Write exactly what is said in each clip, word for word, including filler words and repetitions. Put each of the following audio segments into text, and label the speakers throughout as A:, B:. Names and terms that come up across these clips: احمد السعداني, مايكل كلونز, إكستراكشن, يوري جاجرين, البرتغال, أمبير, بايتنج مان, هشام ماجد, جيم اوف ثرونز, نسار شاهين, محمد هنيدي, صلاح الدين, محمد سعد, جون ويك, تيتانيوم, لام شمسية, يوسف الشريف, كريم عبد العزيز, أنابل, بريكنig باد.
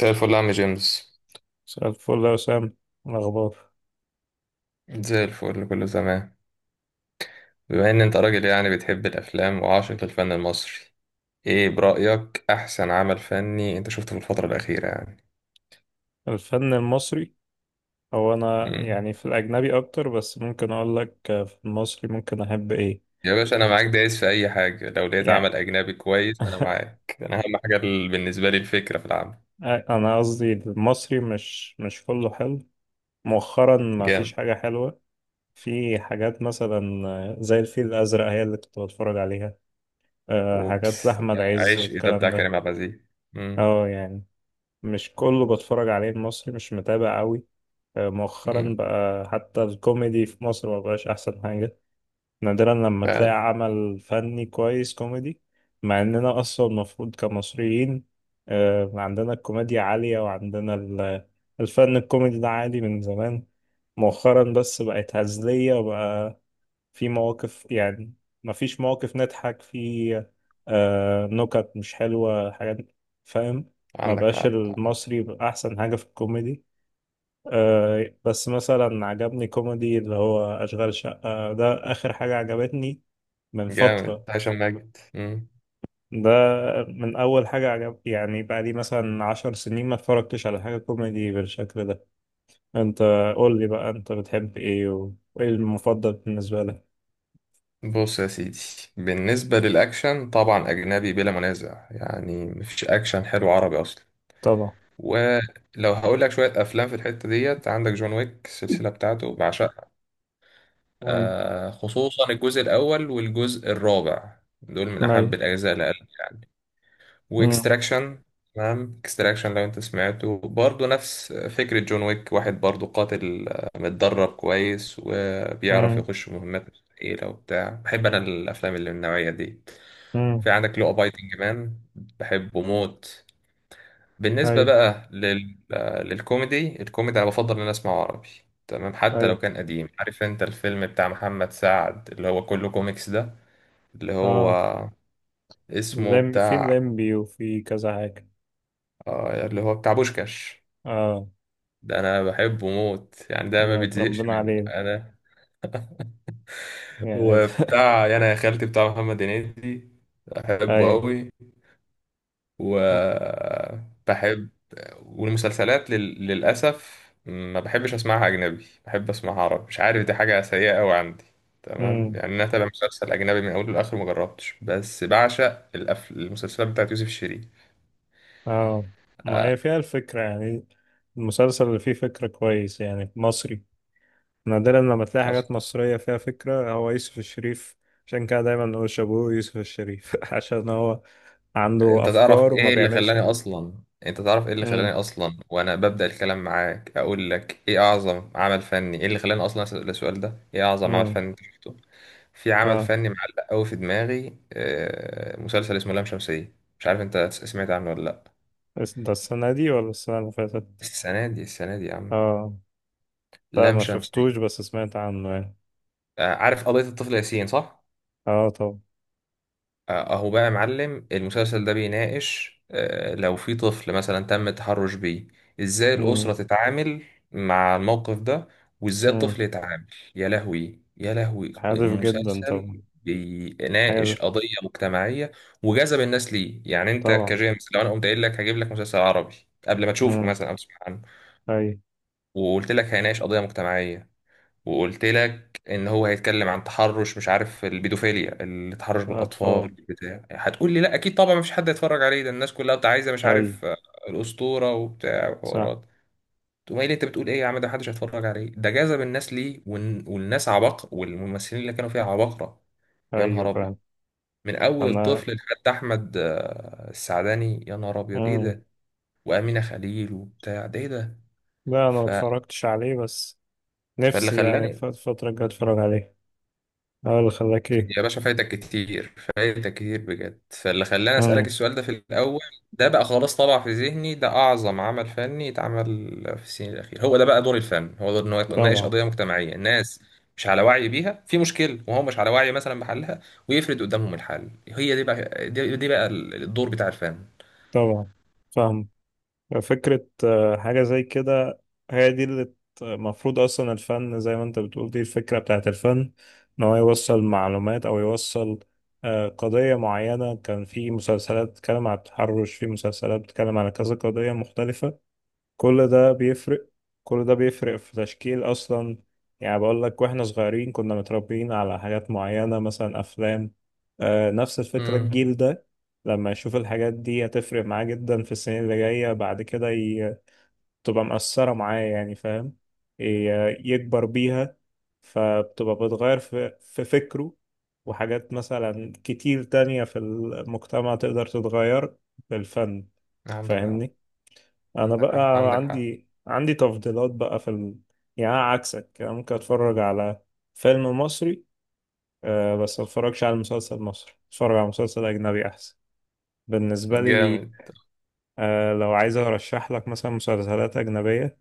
A: زي الفل يا عم جيمس.
B: مساء الفل يا وسام. إيه الأخبار؟
A: زي الفل كله تمام. بما ان انت راجل يعني بتحب الافلام وعاشق للفن المصري. ايه برأيك احسن عمل فني انت شفته في الفترة الأخيرة يعني؟
B: الفن المصري، هو أنا
A: مم.
B: يعني في الأجنبي أكتر، بس ممكن أقول لك آه، في المصري ممكن أحب إيه
A: يا باشا انا معاك دايس في اي حاجة، لو لقيت عمل
B: يعني.
A: اجنبي كويس انا معاك، انا اهم حاجة ال- بالنسبة لي الفكرة في العمل.
B: أنا قصدي المصري مش مش كله حلو، مؤخرا ما فيش
A: جامد.
B: حاجة حلوة. في حاجات مثلا آه، زي الفيل الأزرق هي اللي كنت بتفرج عليها. أه، حاجات
A: اوبس.
B: لأحمد عز
A: عيش ده
B: والكلام
A: بتاع
B: ده.
A: كريم عبد العزيز. مم.
B: اه يعني مش كله بتفرج عليه المصري، مش متابع قوي. أه، مؤخرا
A: مم.
B: بقى حتى الكوميدي في مصر مبقاش أحسن حاجة. نادرا لما تلاقي
A: فعلا.
B: عمل فني كويس كوميدي. مع اننا اصلا المفروض كمصريين آه، عندنا الكوميديا عالية وعندنا ال- الفن الكوميدي ده عالي من زمان. مؤخرا بس بقت هزلية، وبقى في مواقف يعني. مفيش مواقف نضحك في، آه، نكت مش حلوة حاجات. فاهم. ما
A: عندك
B: بقاش
A: حق.
B: المصري بقى احسن حاجة في الكوميدي. آه، بس مثلا عجبني كوميدي اللي هو أشغال شقة ده آخر حاجة عجبتني من
A: جامد
B: فترة.
A: هشام ماجد.
B: ده من أول حاجة عجب يعني، بقى لي مثلا عشر سنين ما اتفرجتش على حاجة كوميدي بالشكل ده. أنت قول لي بقى، أنت بتحب إيه و- وإيه المفضل بالنسبة لك؟
A: بص يا سيدي، بالنسبة للأكشن طبعا أجنبي بلا منازع، يعني مفيش أكشن حلو عربي أصلا.
B: طبعا.
A: ولو هقول لك شوية أفلام في الحتة ديت، عندك جون ويك السلسلة بتاعته بعشقها.
B: امم.
A: آه خصوصا الجزء الأول والجزء الرابع دول من أحب
B: أي.
A: الأجزاء لقلبي يعني.
B: امم.
A: وإكستراكشن. تمام، إكستراكشن لو أنت سمعته برضه نفس فكرة جون ويك واحد، برضه قاتل آه، متدرب كويس وبيعرف
B: امم.
A: يخش مهمات مستحيلة وبتاع. بحب أنا الأفلام اللي من النوعية دي.
B: امم.
A: في عندك لو بايتنج مان، بحبه موت. بالنسبة
B: أي.
A: بقى لل... آه، للكوميدي، الكوميدي أنا بفضل إن أنا أسمعه عربي. تمام. حتى لو
B: أي.
A: كان قديم، عارف أنت الفيلم بتاع محمد سعد اللي هو كله كوميكس ده؟ اللي هو
B: آه.
A: اسمه
B: لم في
A: بتاع
B: الليمبي وفي كذا حاجة.
A: آه، اللي هو بتاع بوشكاش.
B: آه.
A: ده أنا بحبه موت يعني، ده ما
B: لا،
A: بتزهقش
B: اتربينا
A: منه
B: عليه
A: أنا.
B: يعني ده.
A: وبتاع يعني يا خالتي بتاع محمد هنيدي، بحبه
B: أي.
A: أوي. وبحب. والمسلسلات لل... للأسف ما بحبش أسمعها أجنبي، بحب أسمعها عربي، مش عارف دي حاجة سيئة أوي عندي. تمام.
B: امم.
A: يعني أنا أتابع مسلسل أجنبي من أوله لآخره مجربتش، بس بعشق الأف... المسلسلات بتاعت يوسف الشريف.
B: آه. ما هي فيها الفكرة يعني، المسلسل اللي فيه فكرة كويس يعني مصري. نادرا لما تلاقي حاجات مصرية فيها فكرة، هو يوسف الشريف. عشان كده دايما نقول شابوه يوسف الشريف عشان هو عنده
A: انت تعرف
B: أفكار وما
A: ايه اللي
B: بيعملش.
A: خلاني اصلا انت تعرف ايه اللي
B: امم.
A: خلاني اصلا وانا ببدأ الكلام معاك اقول لك ايه اعظم عمل فني، ايه اللي خلاني اصلا اسأل السؤال ده، ايه اعظم عمل
B: امم.
A: فني انت شفته؟ في عمل
B: اه،
A: فني معلق قوي في دماغي، آه، مسلسل اسمه لام شمسية. مش عارف انت س- سمعت عنه ولا لا.
B: بس ده السنة دي ولا السنة اللي فاتت؟
A: السنة دي السنة دي يا عم.
B: اه. لا،
A: لام
B: ما
A: شمسية.
B: شفتوش بس سمعت عنه يعني.
A: آه، عارف قضية الطفل ياسين صح؟
B: اه طبعا.
A: اهو بقى يا معلم، المسلسل ده بيناقش آه، لو في طفل مثلا تم التحرش بيه، ازاي
B: امم.
A: الأسرة تتعامل مع الموقف ده، وازاي
B: امم.
A: الطفل يتعامل. يا لهوي يا لهوي،
B: هادف جدا
A: مسلسل
B: طبعا. حاجة زي.
A: بيناقش قضية مجتمعية وجذب الناس ليه. يعني انت
B: طبعا.
A: كجيمس، لو انا قمت قايل لك هجيب لك مسلسل عربي قبل ما تشوفه
B: امم.
A: مثلا او تسمع عنه،
B: أي.
A: وقلت لك هيناقش قضية مجتمعية، وقلت لك ان هو هيتكلم عن تحرش، مش عارف، البيدوفيليا التحرش
B: أطفال.
A: بالاطفال بتاع، هتقول لي لا اكيد طبعا مفيش حد هيتفرج عليه، ده الناس كلها بتاع عايزه مش
B: أي.
A: عارف آه، الاسطوره وبتاع
B: صح.
A: وحوارات. تقوم قايل لي انت بتقول ايه يا عم، ده محدش هيتفرج عليه، ده جذب الناس ليه، والن- والناس عباقرة والممثلين اللي كانوا فيها عباقرة. يا
B: أيوة
A: نهار ابيض.
B: فعلا.
A: من اول
B: أنا.
A: الطفل لحد احمد آه، السعداني. يا نهار ابيض ايه
B: امم.
A: ده. وامينه خليل وبتاع، ده ايه ده.
B: لا، أنا ما
A: ف...
B: اتفرجتش عليه بس
A: فاللي
B: نفسي يعني الف-
A: خلاني.
B: الفترة الجاية أتفرج عليه. اه، اللي خلاك إيه؟
A: يا باشا فايتك كتير فايتك كتير بجد. فاللي خلاني أسألك
B: مم.
A: السؤال ده في الأول. ده بقى خلاص طبع في ذهني، ده أعظم عمل فني اتعمل في السنين الأخيرة. هو ده بقى دور الفن، هو دور إنه يناقش
B: طبعا.
A: قضية مجتمعية، الناس مش على وعي بيها، في مشكلة وهو مش على وعي مثلا بحلها، ويفرد قدامهم الحل. هي دي بقى دي, دي بقى الدور بتاع الفن.
B: طبعا. فاهم. فكرة آه، حاجة زي كده. هي دي اللي ت- المفروض أصلا الفن زي ما أنت بتقول دي الفكرة بتاعت الفن، إن هو يوصل معلومات أو يوصل آه، قضية معينة. كان في مسلسلات بتتكلم عن التحرش، في مسلسلات بتتكلم على كذا قضية مختلفة. كل ده بيفرق. كل ده بيفرق في تشكيل أصلا. يعني بقول لك، واحنا صغيرين كنا متربيين على حاجات معينة مثلا أفلام. آه نفس الفكرة.
A: امم.
B: الجيل ده لما يشوف الحاجات دي هتفرق معاه جدا في السنين اللي جاية بعد كده ي... تبقى مأثرة معاه يعني، فاهم. ي- يكبر بيها، فبتبقى بتغير في... في فكره. وحاجات مثلا كتير تانية في المجتمع تقدر تتغير بالفن.
A: عندك حق
B: فاهمني. انا
A: عندك
B: بقى
A: حق عندك حق.
B: عندي عندي تفضيلات بقى في ال... يعني أنا عكسك. أنا ممكن اتفرج على فيلم مصري، أه، بس ما اتفرجش على مسلسل مصري. اتفرج على مسلسل اجنبي احسن بالنسبه لي.
A: جامد.
B: أه لو عايز ارشح لك مثلا مسلسلات اجنبيه،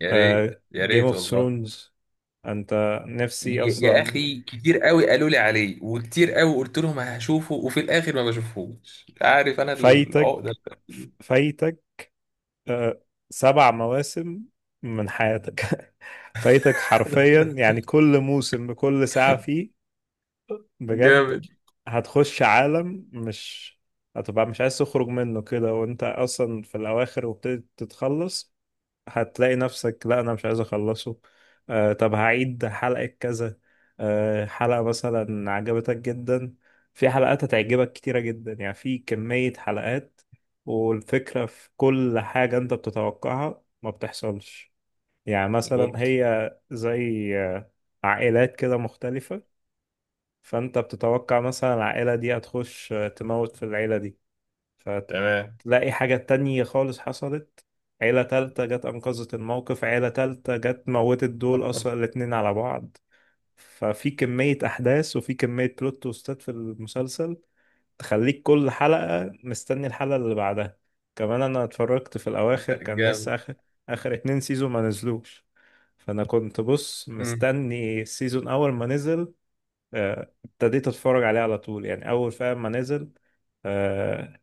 A: يا ريت
B: أه
A: يا
B: جيم
A: ريت
B: اوف
A: والله.
B: ثرونز. انت نفسي
A: يا يا
B: اصلا.
A: اخي، كتير قوي قالوا لي عليه وكتير قوي قلت لهم هشوفه وفي الاخر ما بشوفهوش، عارف انا العقده
B: فايتك.
A: دي.
B: فايتك. أه سبع مواسم من حياتك. فايتك حرفيا يعني كل موسم بكل ساعه فيه،
A: جامد.
B: بجد. هتخش عالم مش هتبقى مش عايز تخرج منه كده. وانت اصلا في الاواخر وابتدي تتخلص هتلاقي نفسك، لا انا مش عايز اخلصه. آه طب هعيد حلقة كذا. آه حلقة مثلا عجبتك جدا، في حلقات هتعجبك كتيرة جدا يعني، في كمية حلقات. والفكرة في كل حاجة انت بتتوقعها ما بتحصلش. يعني مثلا
A: أوبس.
B: هي زي آه، عائلات كده مختلفة. فانت بتتوقع مثلا العائلة دي هتخش تموت في العيلة دي،
A: تمام.
B: فتلاقي حاجة تانية خالص حصلت. عيلة تالتة جت أنقذت الموقف، عيلة تالتة جت موتت دول أصلا الاتنين على بعض. ففي كمية أحداث وفي كمية بلوت تويستات في المسلسل، تخليك كل حلقة مستني الحلقة اللي بعدها. كمان أنا اتفرجت في الأواخر كان لسه
A: جامد.
B: آخر آخر اتنين سيزون ما نزلوش. فأنا كنت بص
A: مم.
B: مستني السيزون أول ما نزل. آه، ابتديت اتفرج عليه على طول يعني اول فاهم ما نزل. آه،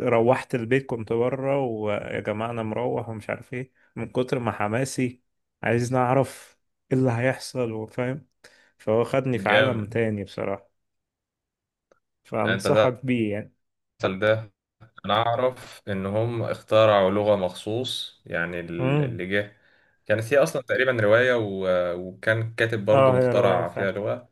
B: روحت البيت كنت بره. ويا جماعه انا مروح ومش عارف ايه من كتر ما حماسي، عايز نعرف ايه اللي هيحصل وفاهم. فهو خدني في عالم
A: جامد.
B: تاني بصراحه.
A: انت
B: فانصحك بيه يعني.
A: تعرف ده، انا اعرف ان هم اخترعوا لغة مخصوص، يعني ال-
B: امم.
A: اللي جه كانت هي اصلا تقريبا رواية و... وكان كاتب برضو
B: اه هي روايه
A: مخترع فيها
B: فعلا.
A: لغة،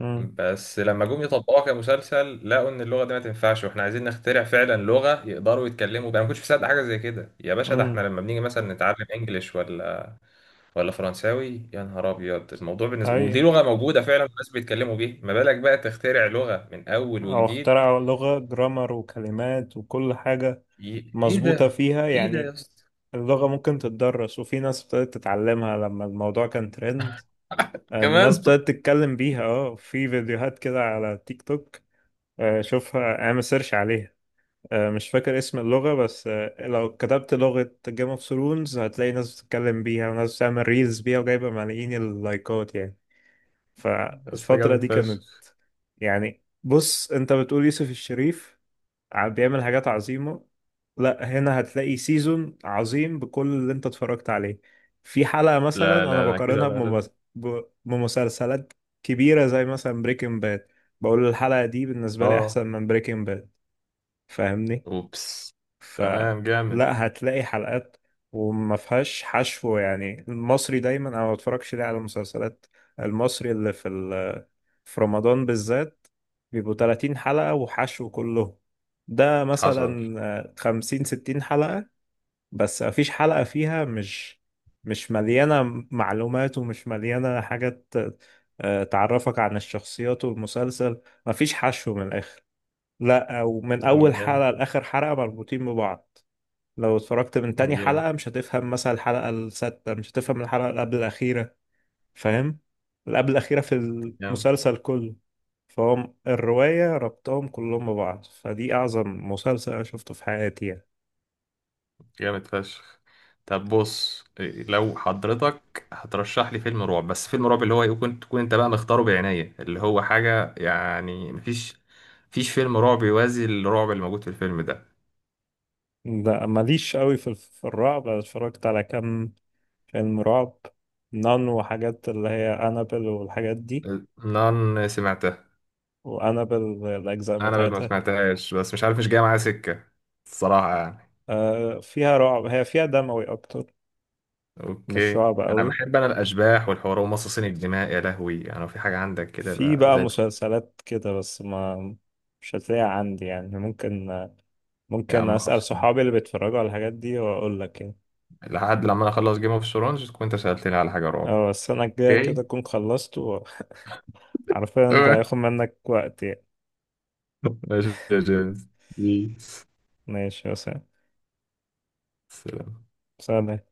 B: امم.
A: بس لما جم يطبقوها كمسلسل لقوا ان اللغه دي ما تنفعش، واحنا عايزين نخترع فعلا لغه يقدروا يتكلموا بيها. انا ما كنتش مصدق حاجه زي كده يا باشا، ده احنا
B: امم.
A: لما بنيجي مثلا نتعلم انجليش ولا ولا فرنساوي يا نهار ابيض الموضوع بالنسبه،
B: اي.
A: ودي لغه موجوده فعلا الناس بيتكلموا بيها، ما بالك بقى تخترع لغه من اول
B: او
A: وجديد.
B: اخترع لغه جرامر وكلمات وكل حاجه
A: ي... ايه
B: مظبوطه
A: ده.
B: فيها
A: ايه ده يا
B: يعني.
A: اسطى.
B: اللغة ممكن تتدرس وفي ناس ابتدت تتعلمها لما الموضوع كان ترند. الناس
A: كمان.
B: بدأت تتكلم بيها. اه، في فيديوهات كده على تيك توك. آه، شوفها اعمل سيرش عليها. آه، مش فاكر اسم اللغة بس. آه، لو كتبت لغة جيم اوف ثرونز هتلاقي ناس بتتكلم بيها وناس بتعمل ريلز بيها وجايبة ملايين اللايكات يعني.
A: يا اسطى
B: فالفترة
A: جامد
B: دي كانت.
A: فشخ.
B: يعني بص، انت بتقول يوسف الشريف ع- بيعمل حاجات عظيمة. لا، هنا هتلاقي سيزون عظيم بكل اللي انت اتفرجت عليه. في حلقة مثلا
A: لا
B: انا
A: لا انا كده
B: بقارنها
A: بقلب.
B: بممس- ب- بمسلسلات كبيرة زي مثلا بريكنج باد. بقول الحلقة دي بالنسبة لي
A: اه.
B: احسن من بريكنج باد. فاهمني.
A: اوبس. تمام. جامد.
B: فلا هتلاقي حلقات وما فيهاش حشو. يعني المصري دايما انا ما بتفرجش ليه على المسلسلات المصري اللي في ال... في رمضان بالذات بيبقوا 30 حلقة وحشو كله. ده
A: حصل.
B: مثلا آه، خمسين ستين حلقة بس مفيش حلقة فيها مش مش مليانة معلومات ومش مليانة حاجات. آه، تعرفك عن الشخصيات والمسلسل. مفيش حشو من الآخر. لا، ومن أول
A: جامد.
B: حلقة لآخر حلقة مربوطين ببعض. لو اتفرجت من تاني
A: جامد.
B: حلقة مش هتفهم مثلا الحلقة السادسة، مش هتفهم الحلقة اللي قبل الأخيرة. فاهم؟ اللي قبل الأخيرة في
A: جامد.
B: المسلسل كله، فهم الرواية ربطهم كلهم ببعض. فدي أعظم مسلسل أنا شفته في حياتي يعني.
A: جامد فشخ. طب بص إيه، لو حضرتك هترشح لي فيلم رعب، بس فيلم رعب اللي هو يكون تكون انت بقى مختاره بعناية، اللي هو حاجة يعني مفيش مفيش فيلم رعب يوازي الرعب اللي موجود في الفيلم ده.
B: لا ماليش قوي في في الرعب. أنا اتفرجت على كام فيلم رعب، نان وحاجات اللي هي أنابل والحاجات دي.
A: نان سمعتها.
B: وأنابل الأجزاء
A: انا بل ما
B: بتاعتها
A: سمعتهاش بس مش عارف مش جاية معايا سكة الصراحة يعني.
B: آه، فيها رعب، هي فيها دموي أكتر مش
A: اوكي.
B: رعب
A: انا
B: قوي.
A: بحب انا الاشباح والحوار ومصاصين الدماء يا لهوي، يعني لو في حاجة عندك كده
B: في
A: بقى
B: بقى
A: زي الفل.
B: مسلسلات كده بس ما مش هتلاقيها عندي يعني. ممكن
A: يا
B: ممكن
A: عم
B: أسأل
A: خلصان.
B: صحابي اللي بيتفرجوا على الحاجات دي وأقول لك يعني.
A: لحد لما انا اخلص جيم اوف ثرونز تكون انت سألتني على حاجة رعب.
B: أو السنة الجاية
A: اوكي.
B: كده أكون خلصت وعارفين. أنت
A: تمام.
B: هياخد منك وقت يعني.
A: ماشي يا جيمس. بيس.
B: ماشي يا سلام.
A: سلام.
B: سلام.